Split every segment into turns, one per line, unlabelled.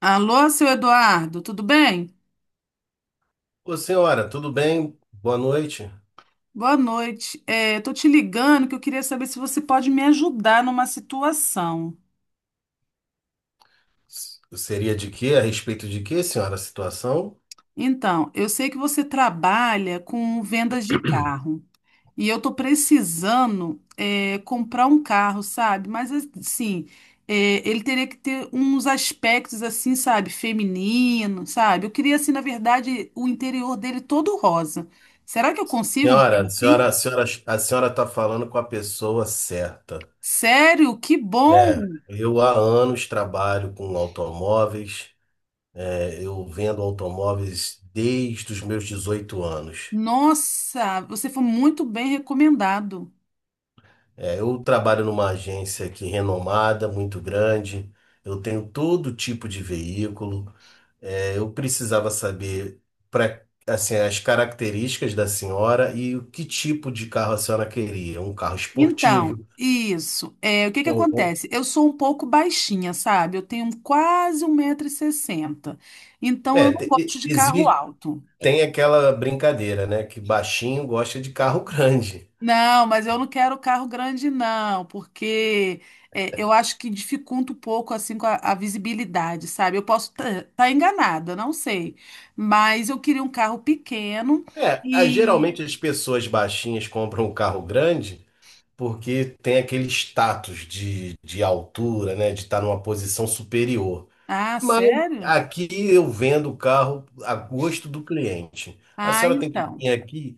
Alô, seu Eduardo, tudo bem?
Ô, senhora, tudo bem? Boa noite.
Boa noite. Tô te ligando que eu queria saber se você pode me ajudar numa situação.
Seria de quê? A respeito de quê, senhora, a situação?
Então, eu sei que você trabalha com vendas de carro e eu tô precisando, comprar um carro, sabe? Mas assim, ele teria que ter uns aspectos assim, sabe, feminino, sabe? Eu queria assim, na verdade, o interior dele todo rosa. Será que eu consigo um
Senhora,
carro
a senhora,
assim?
a senhora, a senhora está falando com a pessoa certa.
Sério? Que
É,
bom!
eu há anos trabalho com automóveis, é, eu vendo automóveis desde os meus 18 anos.
Nossa, você foi muito bem recomendado.
É, eu trabalho numa agência aqui renomada, muito grande, eu tenho todo tipo de veículo. É, eu precisava saber pra, assim, as características da senhora e o que tipo de carro a senhora queria. Um carro
Então,
esportivo.
isso. É, o que que
Ou-
acontece? Eu sou um pouco baixinha, sabe? Eu tenho quase 1,60 m. Então, eu
É,
não gosto de carro
existe,
alto.
tem aquela brincadeira, né? Que baixinho gosta de carro grande.
Não, mas eu não quero carro grande, não, porque eu acho que dificulta um pouco assim com a visibilidade, sabe? Eu posso estar enganada, não sei. Mas eu queria um carro pequeno
É,
e.
geralmente as pessoas baixinhas compram um carro grande, porque tem aquele status de altura, né? De estar numa posição superior.
Ah,
Mas
sério?
aqui eu vendo o carro a gosto do cliente. A
Ah,
senhora tem que
então.
vir aqui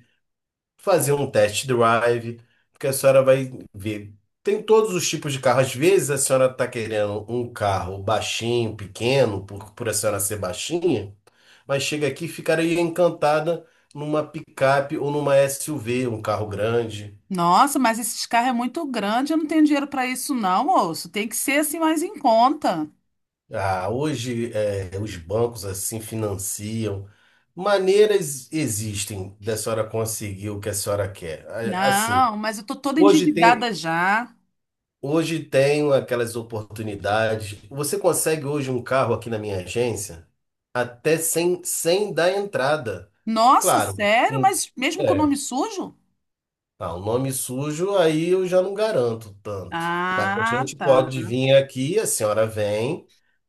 fazer um test drive, porque a senhora vai ver. Tem todos os tipos de carro. Às vezes a senhora está querendo um carro baixinho, pequeno, por a senhora ser baixinha, mas chega aqui e ficaria encantada numa picape ou numa SUV, um carro grande.
Nossa, mas esse carro é muito grande, eu não tenho dinheiro para isso não, moço. Tem que ser assim mais em conta.
Ah, hoje os bancos assim financiam. Maneiras existem da senhora conseguir o que a senhora quer. Assim,
Não, mas eu tô toda
hoje tem,
endividada já.
hoje tem aquelas oportunidades. Você consegue hoje um carro aqui na minha agência até sem dar entrada.
Nossa,
Claro,
sério? Mas mesmo com o
é,
nome sujo?
ah, o nome sujo aí eu já não garanto tanto. Mas a
Ah,
gente
tá.
pode vir aqui, a senhora vem.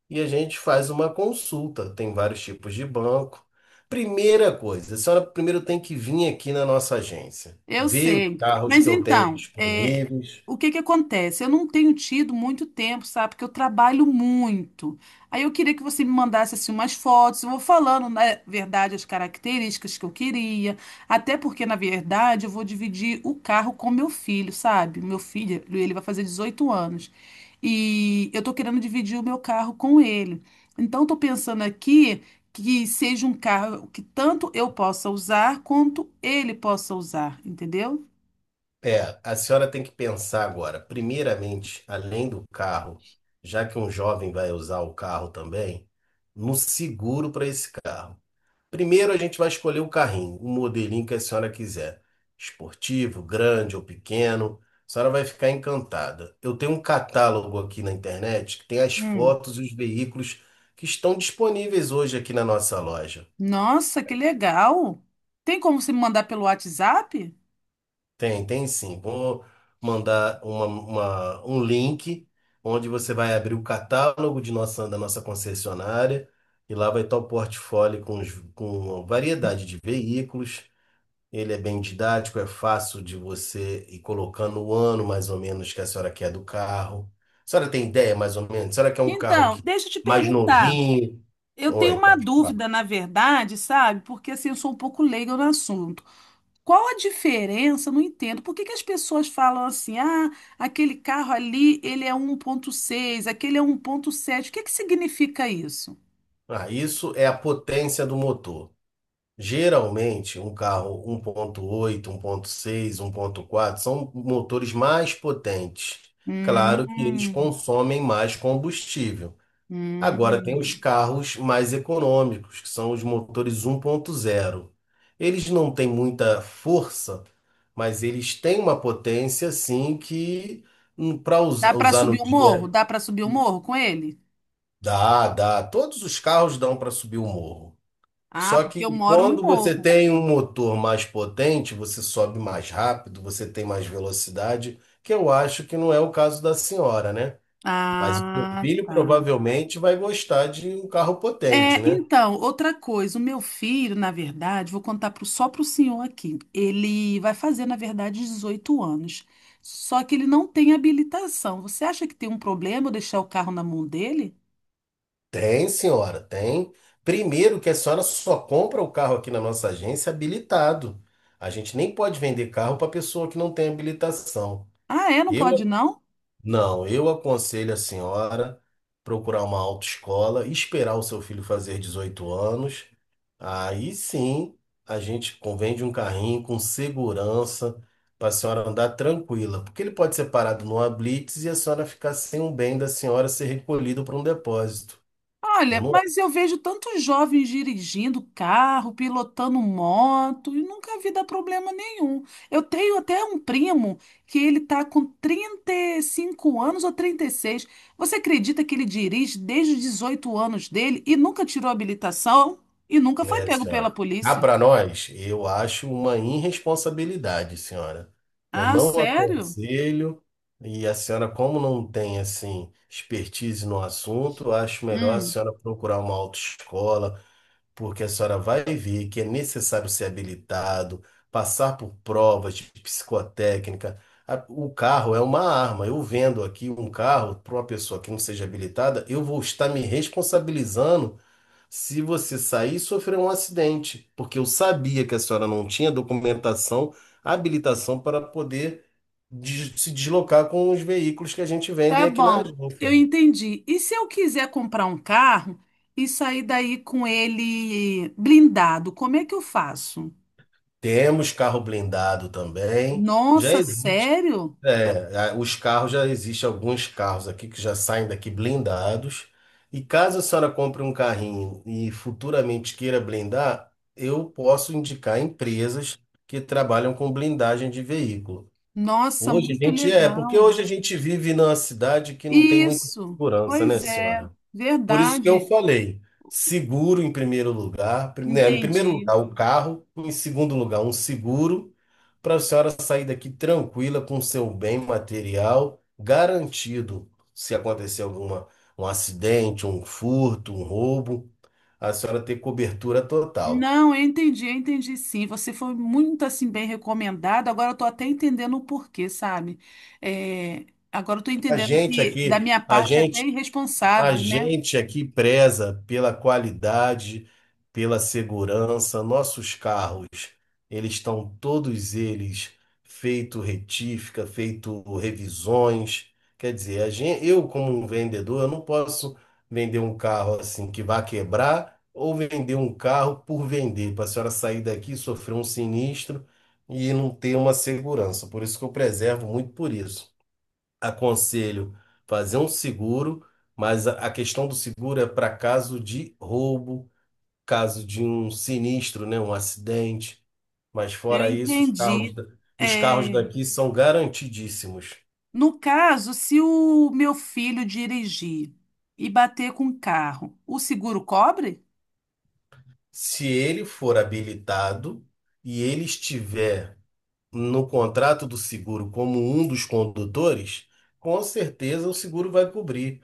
E a gente faz uma consulta. Tem vários tipos de banco. Primeira coisa, a senhora primeiro tem que vir aqui na nossa agência,
Eu
ver os
sei.
carros
Mas
que eu tenho
então,
disponíveis.
o que que acontece? Eu não tenho tido muito tempo, sabe? Porque eu trabalho muito. Aí eu queria que você me mandasse assim umas fotos. Eu vou falando, na verdade, as características que eu queria. Até porque, na verdade, eu vou dividir o carro com meu filho, sabe? Meu filho, ele vai fazer 18 anos. E eu tô querendo dividir o meu carro com ele. Então, eu tô pensando aqui que seja um carro que tanto eu possa usar quanto ele possa usar, entendeu?
É, a senhora tem que pensar agora, primeiramente, além do carro, já que um jovem vai usar o carro também, no seguro para esse carro. Primeiro a gente vai escolher o carrinho, o modelinho que a senhora quiser. Esportivo, grande ou pequeno. A senhora vai ficar encantada. Eu tenho um catálogo aqui na internet que tem as
Hum.
fotos e os veículos que estão disponíveis hoje aqui na nossa loja.
Nossa, que legal! Tem como você me mandar pelo WhatsApp?
Tem, tem sim. Vou mandar um link onde você vai abrir o catálogo de da nossa concessionária, e lá vai estar o portfólio com a variedade de veículos. Ele é bem didático, é fácil de você ir colocando o ano mais ou menos que a senhora quer do carro. A senhora tem ideia mais ou menos? A senhora quer um carro
Então,
que
deixa eu te
mais
perguntar.
novinho?
Eu tenho
Oi,
uma
pode falar.
dúvida, na verdade, sabe? Porque assim, eu sou um pouco leiga no assunto. Qual a diferença? Eu Não entendo. Por que que as pessoas falam assim: ah, aquele carro ali, ele é 1.6, aquele é 1.7. O que que significa isso?
Ah, isso é a potência do motor. Geralmente, um carro 1.8, 1.6, 1.4 são motores mais potentes. Claro que eles
Hum,
consomem mais combustível. Agora tem os
hum.
carros mais econômicos, que são os motores 1.0. Eles não têm muita força, mas eles têm uma potência assim que para
Dá pra
usar no
subir o morro?
dia.
Dá pra subir o morro com ele?
Dá, dá. Todos os carros dão para subir o morro.
Ah,
Só
porque eu
que
moro no
quando você
morro.
tem um motor mais potente, você sobe mais rápido, você tem mais velocidade, que eu acho que não é o caso da senhora, né? Mas o seu
Ah,
filho
tá.
provavelmente vai gostar de um carro potente, né?
Então, outra coisa, o meu filho, na verdade, vou contar só pro senhor aqui. Ele vai fazer, na verdade, 18 anos. Só que ele não tem habilitação. Você acha que tem um problema eu deixar o carro na mão dele?
Tem, senhora, tem. Primeiro que a senhora só compra o carro aqui na nossa agência habilitado. A gente nem pode vender carro para pessoa que não tem habilitação.
Ah, é? Não
Eu
pode, não?
não, eu aconselho a senhora procurar uma autoescola, esperar o seu filho fazer 18 anos. Aí sim, a gente convende um carrinho com segurança para a senhora andar tranquila, porque ele pode ser parado numa blitz e a senhora ficar sem um bem da senhora ser recolhido para um depósito. Eu
Olha,
não
mas eu vejo tantos jovens dirigindo carro, pilotando moto, e nunca vi dar problema nenhum. Eu tenho até um primo que ele tá com 35 anos ou 36. Você acredita que ele dirige desde os 18 anos dele e nunca tirou a habilitação e nunca foi
É,
pego pela
senhora. Cá
polícia?
para nós, eu acho uma irresponsabilidade, senhora. Eu
Ah,
não
sério?
aconselho, e a senhora, como não tem, assim, expertise no assunto, eu acho melhor a
Hum,
senhora procurar uma autoescola, porque a senhora vai ver que é necessário ser habilitado, passar por provas de psicotécnica. O carro é uma arma. Eu vendo aqui um carro para uma pessoa que não seja habilitada, eu vou estar me responsabilizando se você sair, sofreu um acidente, porque eu sabia que a senhora não tinha documentação, habilitação para poder se deslocar com os veículos que a gente vende
tá
aqui na
bom, eu
agência.
entendi. E se eu quiser comprar um carro e sair daí com ele blindado, como é que eu faço?
Temos carro blindado também. Já
Nossa,
existe,
sério?
é, os carros, já existem alguns carros aqui que já saem daqui blindados. E caso a senhora compre um carrinho e futuramente queira blindar, eu posso indicar empresas que trabalham com blindagem de veículo.
Nossa,
Hoje a
muito
gente é, porque
legal.
hoje a gente vive numa cidade que não tem muita
Isso,
segurança, né,
pois é,
senhora? Por isso que eu
verdade,
falei, seguro em primeiro lugar, né, em primeiro
entendi.
lugar o carro, em segundo lugar um seguro, para a senhora sair daqui tranquila com seu bem material garantido. Se acontecer alguma um acidente, um furto, um roubo, a senhora ter cobertura total.
Não, eu entendi sim. Você foi muito assim bem recomendado. Agora eu tô até entendendo o porquê, sabe? É, Agora eu tô
A
entendendo
gente
que da
aqui,
minha
a
parte é até
gente A
irresponsável, né?
gente aqui preza pela qualidade, pela segurança. Nossos carros, eles estão todos eles feito retífica, feito revisões. Quer dizer, eu como um vendedor, eu não posso vender um carro assim que vai quebrar ou vender um carro por vender, para a senhora sair daqui, sofrer um sinistro e não ter uma segurança. Por isso que eu preservo muito por isso aconselho fazer um seguro, mas a questão do seguro é para caso de roubo, caso de um sinistro, né, um acidente. Mas
Eu
fora isso, os carros,
entendi.
os
É,
carros daqui são garantidíssimos.
no caso, se o meu filho dirigir e bater com o carro, o seguro cobre?
Se ele for habilitado e ele estiver no contrato do seguro como um dos condutores, com certeza o seguro vai cobrir.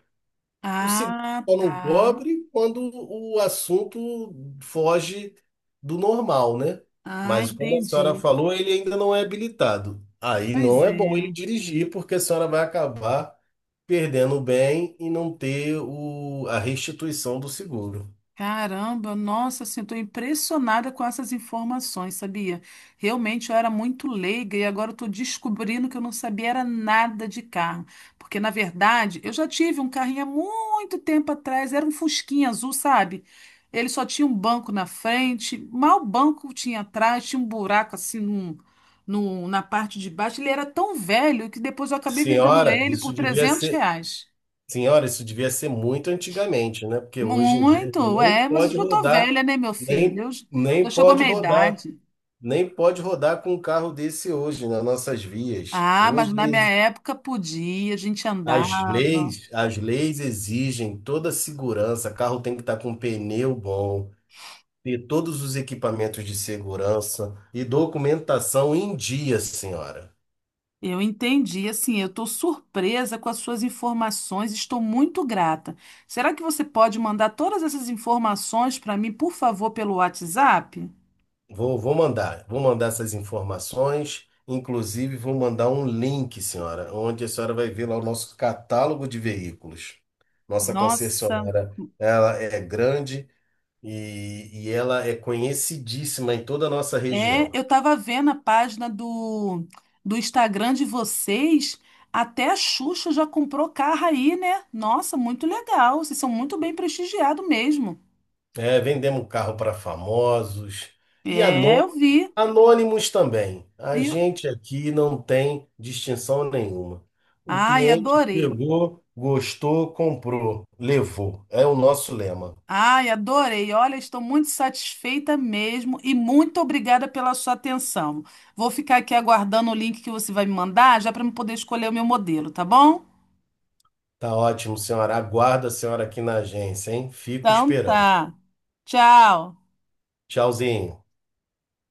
O seguro
Ah,
só não
tá.
cobre quando o assunto foge do normal, né?
Ah,
Mas como a senhora
entendi.
falou, ele ainda não é habilitado. Aí
Pois
não é bom ele
é.
dirigir, porque a senhora vai acabar perdendo o bem e não ter a restituição do seguro.
Caramba, nossa, assim, estou impressionada com essas informações, sabia? Realmente eu era muito leiga e agora estou descobrindo que eu não sabia era nada de carro. Porque, na verdade, eu já tive um carrinho há muito tempo atrás, era um fusquinha azul, sabe? Ele só tinha um banco na frente, mal banco tinha atrás, tinha um buraco assim na parte de baixo. Ele era tão velho que depois eu acabei vendendo
Senhora,
ele por
isso devia
300
ser,
reais.
senhora, isso devia ser muito antigamente, né? Porque hoje em dia
Muito,
nem
mas eu
pode
já tô
rodar,
velha, né, meu filho?
nem,
Eu j-
nem
já chegou a
pode
minha
rodar
idade.
Com um carro desse hoje nas nossas vias.
Ah, mas na minha época podia, a gente andava.
As leis exigem toda a segurança. Carro tem que estar com pneu bom, ter todos os equipamentos de segurança e documentação em dia, senhora.
Eu entendi, assim, eu estou surpresa com as suas informações, estou muito grata. Será que você pode mandar todas essas informações para mim, por favor, pelo WhatsApp?
Vou mandar essas informações. Inclusive, vou mandar um link, senhora, onde a senhora vai ver lá o nosso catálogo de veículos. Nossa
Nossa.
concessionária, ela é grande. E ela é conhecidíssima em toda a nossa região.
Eu tava vendo a página do Instagram de vocês. Até a Xuxa já comprou carro aí, né? Nossa, muito legal. Vocês são muito bem prestigiados mesmo.
É, vendemos carro para famosos e
É, eu vi.
anônimos também. A
E-
gente aqui não tem distinção nenhuma. O
Ai,
cliente
adorei.
chegou, gostou, comprou, levou. É o nosso lema.
Ai, adorei. Olha, estou muito satisfeita mesmo e muito obrigada pela sua atenção. Vou ficar aqui aguardando o link que você vai me mandar, já para eu poder escolher o meu modelo, tá bom?
Tá ótimo, senhora. Aguardo a senhora aqui na agência, hein? Fico
Então
esperando.
tá. Tchau.
Tchauzinho.